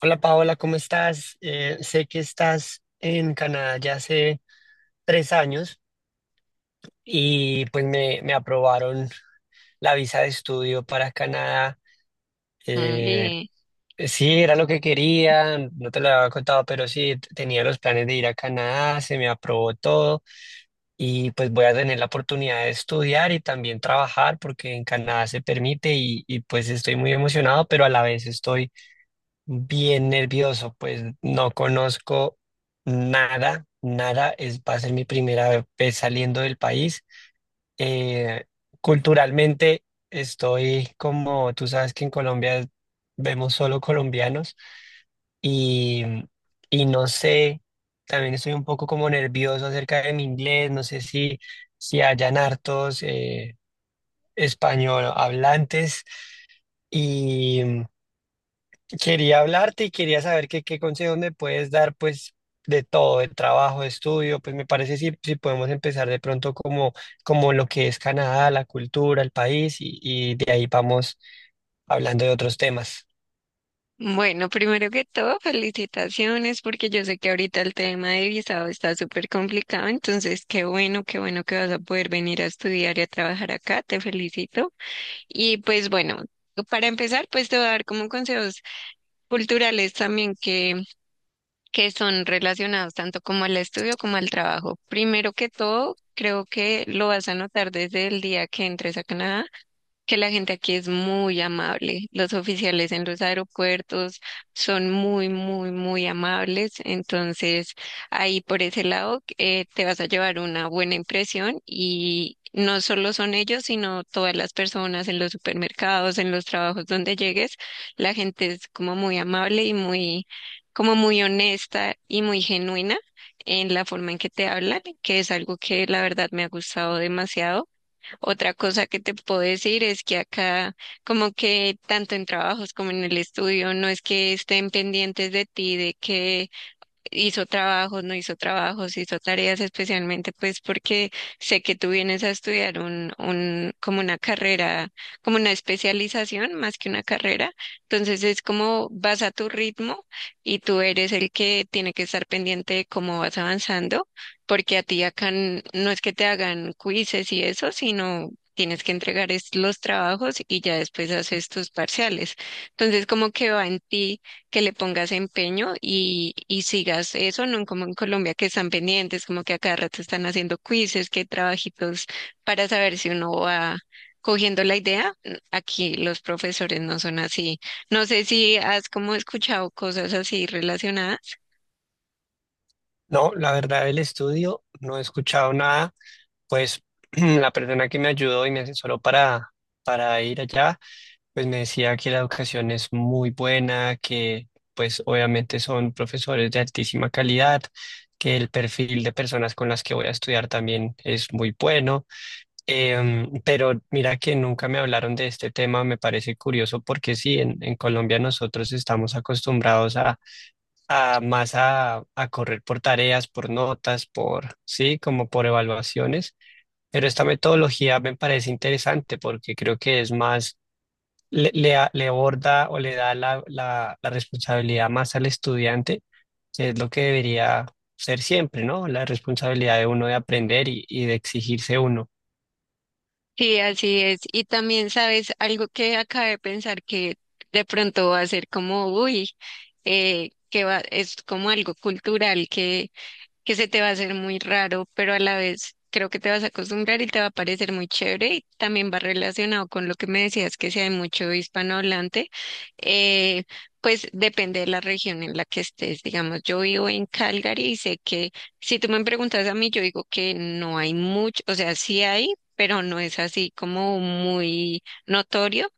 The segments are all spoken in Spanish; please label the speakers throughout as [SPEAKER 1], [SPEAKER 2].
[SPEAKER 1] Hola Paola, ¿cómo estás? Sé que estás en Canadá ya hace 3 años y pues me aprobaron la visa de estudio para Canadá. Eh,
[SPEAKER 2] Oye.
[SPEAKER 1] sí, era lo que quería, no te lo había contado, pero sí, tenía los planes de ir a Canadá, se me aprobó todo y pues voy a tener la oportunidad de estudiar y también trabajar porque en Canadá se permite y pues estoy muy emocionado, pero a la vez estoy bien nervioso, pues no conozco nada, nada, es, va a ser mi primera vez saliendo del país. Eh, Culturalmente estoy como, tú sabes que en Colombia vemos solo colombianos y, y no sé, también estoy un poco como nervioso acerca de mi inglés, no sé si, si hayan hartos español hablantes. Y quería hablarte y quería saber qué, qué consejo me puedes dar, pues, de todo, de trabajo, de estudio, pues me parece si, si podemos empezar de pronto como, como lo que es Canadá, la cultura, el país, y de ahí vamos hablando de otros temas.
[SPEAKER 2] Bueno, primero que todo, felicitaciones porque yo sé que ahorita el tema de visado está súper complicado, entonces qué bueno que vas a poder venir a estudiar y a trabajar acá, te felicito. Y pues bueno, para empezar, pues te voy a dar como consejos culturales también que son relacionados tanto como al estudio como al trabajo. Primero que todo, creo que lo vas a notar desde el día que entres a Canadá que la gente aquí es muy amable. Los oficiales en los aeropuertos son muy, muy, muy amables. Entonces, ahí por ese lado te vas a llevar una buena impresión, y no solo son ellos, sino todas las personas en los supermercados, en los trabajos donde llegues. La gente es como muy amable y muy, como muy honesta y muy genuina en la forma en que te hablan, que es algo que la verdad me ha gustado demasiado. Otra cosa que te puedo decir es que acá, como que tanto en trabajos como en el estudio, no es que estén pendientes de ti, de que hizo trabajos, no hizo trabajos, hizo tareas, especialmente pues porque sé que tú vienes a estudiar como una carrera, como una especialización más que una carrera. Entonces es como vas a tu ritmo y tú eres el que tiene que estar pendiente de cómo vas avanzando, porque a ti acá no es que te hagan quizzes y eso, sino tienes que entregar es los trabajos y ya después haces tus parciales. Entonces, como que va en ti que le pongas empeño y sigas eso, no como en Colombia que están pendientes, como que a cada rato están haciendo quizzes, que trabajitos para saber si uno va cogiendo la idea. Aquí los profesores no son así. No sé si has como escuchado cosas así relacionadas.
[SPEAKER 1] No, la verdad, el estudio, no he escuchado nada, pues la persona que me ayudó y me asesoró para ir allá. Pues me decía que la educación es muy buena, que pues obviamente son profesores de altísima calidad, que el perfil de personas con las que voy a estudiar también es muy bueno. Pero mira que nunca me hablaron de este tema, me parece curioso porque sí, en Colombia nosotros estamos acostumbrados a más a correr por tareas, por notas, por, sí, como por evaluaciones, pero esta metodología me parece interesante porque creo que es más le aborda o le da la responsabilidad más al estudiante, que es lo que debería ser siempre, ¿no? La responsabilidad de uno de aprender y de exigirse uno.
[SPEAKER 2] Sí, así es. Y también sabes algo que acabé de pensar que de pronto va a ser como, uy, que va, es como algo cultural que se te va a hacer muy raro, pero a la vez creo que te vas a acostumbrar y te va a parecer muy chévere, y también va relacionado con lo que me decías, que si hay mucho hispanohablante. eh, pues depende de la región en la que estés. Digamos, yo vivo en Calgary y sé que si tú me preguntas a mí, yo digo que no hay mucho, o sea, sí hay, pero no es así como muy notorio,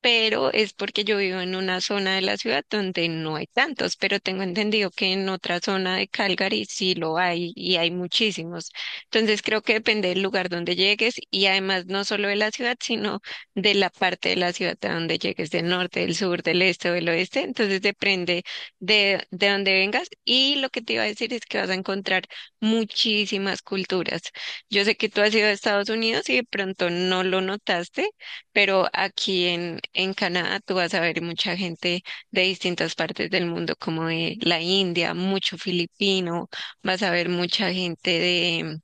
[SPEAKER 2] pero es porque yo vivo en una zona de la ciudad donde no hay tantos, pero tengo entendido que en otra zona de Calgary sí lo hay y hay muchísimos. Entonces creo que depende del lugar donde llegues y además no solo de la ciudad, sino de la parte de la ciudad a donde llegues, del norte, del sur, del este o del oeste. Entonces depende de dónde vengas. Y lo que te iba a decir es que vas a encontrar muchísimas culturas. Yo sé que tú has ido a Estados Unidos y de pronto no lo notaste, pero aquí en Canadá tú vas a ver mucha gente de distintas partes del mundo, como de la India, mucho filipino, vas a ver mucha gente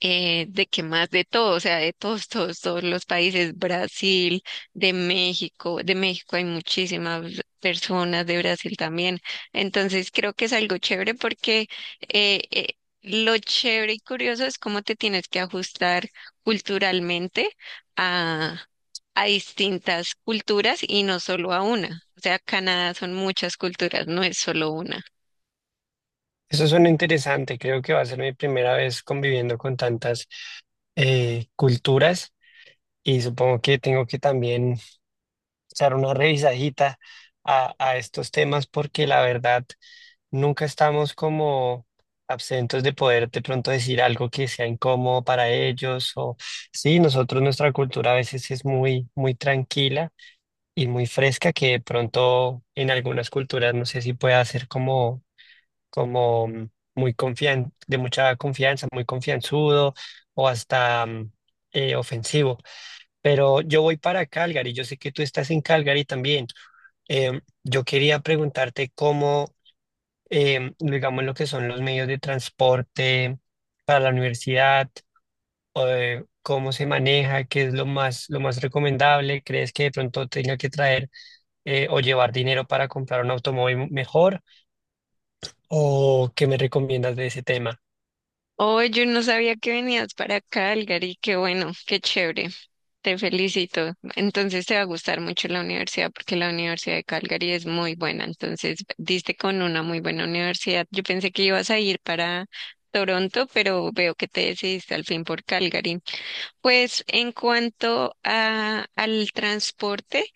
[SPEAKER 2] de que más de todo, o sea, de todos, todos, todos los países, Brasil, de México hay muchísimas personas, de Brasil también. Entonces creo que es algo chévere porque eh, eh, lo chévere y curioso es cómo te tienes que ajustar culturalmente a, a distintas culturas y no solo a una. O sea, Canadá son muchas culturas, no es solo una.
[SPEAKER 1] Eso suena interesante, creo que va a ser mi primera vez conviviendo con tantas culturas y supongo que tengo que también echar una revisadita a estos temas porque la verdad nunca estamos como absentos de poder de pronto decir algo que sea incómodo para ellos o sí, nosotros nuestra cultura a veces es muy muy tranquila y muy fresca que de pronto en algunas culturas no sé si pueda ser como como mm, muy confian de mucha confianza, muy confianzudo o hasta ofensivo. Pero yo voy para Calgary, yo sé que tú estás en Calgary también. Yo quería preguntarte cómo digamos, lo que son los medios de transporte para la universidad, cómo se maneja, qué es lo más recomendable, ¿crees que de pronto tenga que traer o llevar dinero para comprar un automóvil mejor? ¿O qué me recomiendas de ese tema?
[SPEAKER 2] Oh, yo no sabía que venías para Calgary, qué bueno, qué chévere. Te felicito. Entonces te va a gustar mucho la universidad porque la Universidad de Calgary es muy buena. Entonces diste con una muy buena universidad. Yo pensé que ibas a ir para Toronto, pero veo que te decidiste al fin por Calgary. Pues en cuanto al transporte,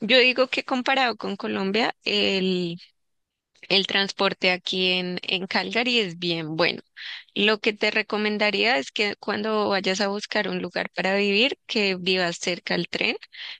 [SPEAKER 2] yo digo que comparado con Colombia, el transporte aquí en Calgary es bien bueno. Lo que te recomendaría es que cuando vayas a buscar un lugar para vivir, que vivas cerca al tren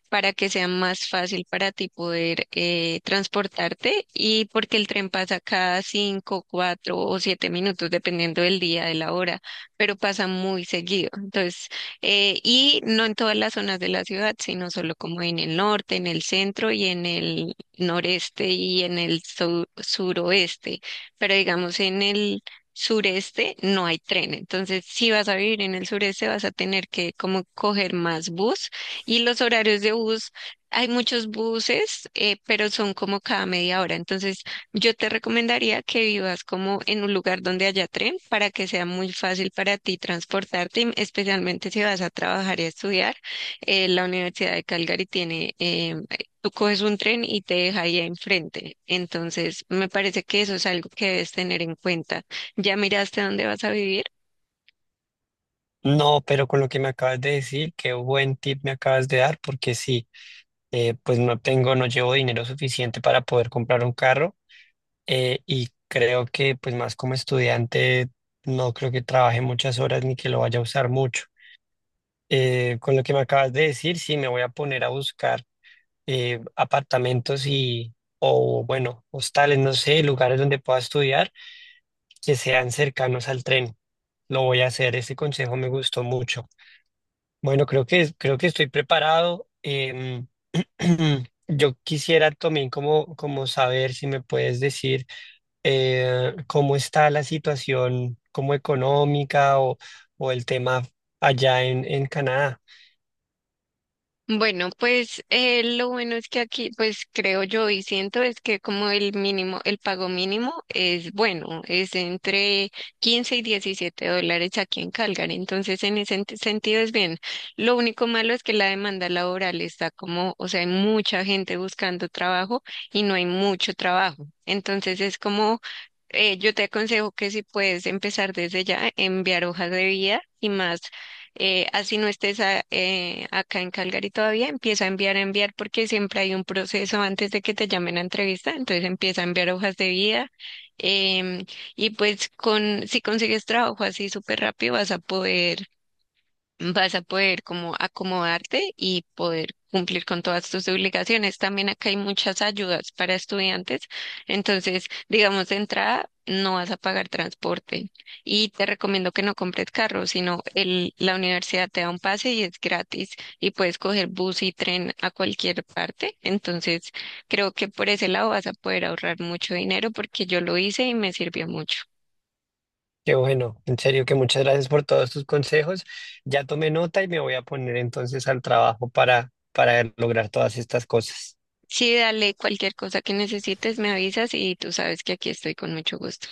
[SPEAKER 2] para que sea más fácil para ti poder transportarte, y porque el tren pasa cada 5, 4 o 7 minutos, dependiendo del día, de la hora, pero pasa muy seguido. Entonces, y no en todas las zonas de la ciudad, sino solo como en el norte, en el centro y en el noreste y en el suroeste, pero digamos en el sureste no hay tren, entonces si vas a vivir en el sureste vas a tener que como coger más bus. Y los horarios de bus, hay muchos buses, pero son como cada media hora. Entonces yo te recomendaría que vivas como en un lugar donde haya tren, para que sea muy fácil para ti transportarte, y especialmente si vas a trabajar y a estudiar. La Universidad de Calgary tiene em, tú coges un tren y te deja ahí enfrente. Entonces, me parece que eso es algo que debes tener en cuenta. ¿Ya miraste dónde vas a vivir?
[SPEAKER 1] No, pero con lo que me acabas de decir, qué buen tip me acabas de dar, porque sí, pues no tengo, no llevo dinero suficiente para poder comprar un carro. Y creo que pues más como estudiante no creo que trabaje muchas horas ni que lo vaya a usar mucho. Con lo que me acabas de decir, sí, me voy a poner a buscar apartamentos y, o bueno, hostales, no sé, lugares donde pueda estudiar que sean cercanos al tren. Lo voy a hacer, ese consejo me gustó mucho. Bueno, creo que estoy preparado. Yo quisiera también como, como saber si me puedes decir cómo está la situación como económica o el tema allá en Canadá.
[SPEAKER 2] Bueno, pues lo bueno es que aquí, pues creo yo y siento es que como el mínimo, el pago mínimo es bueno, es entre 15 y $17 aquí en Calgary. Entonces, en ese sentido es bien. Lo único malo es que la demanda laboral está como, o sea, hay mucha gente buscando trabajo y no hay mucho trabajo. Entonces, es como yo te aconsejo que si puedes empezar desde ya, enviar hojas de vida así no estés acá en Calgary todavía, empieza a enviar, porque siempre hay un proceso antes de que te llamen a entrevista, entonces empieza a enviar hojas de vida. Em, y pues con, si consigues trabajo así súper rápido, vas a poder, vas a poder como acomodarte y poder cumplir con todas tus obligaciones. También acá hay muchas ayudas para estudiantes. Entonces, digamos, de entrada no vas a pagar transporte, y te recomiendo que no compres carro, sino la universidad te da un pase y es gratis, y puedes coger bus y tren a cualquier parte. Entonces, creo que por ese lado vas a poder ahorrar mucho dinero porque yo lo hice y me sirvió mucho.
[SPEAKER 1] Que bueno, en serio que muchas gracias por todos tus consejos. Ya tomé nota y me voy a poner entonces al trabajo para lograr todas estas cosas.
[SPEAKER 2] Sí, dale, cualquier cosa que necesites me avisas y tú sabes que aquí estoy con mucho gusto.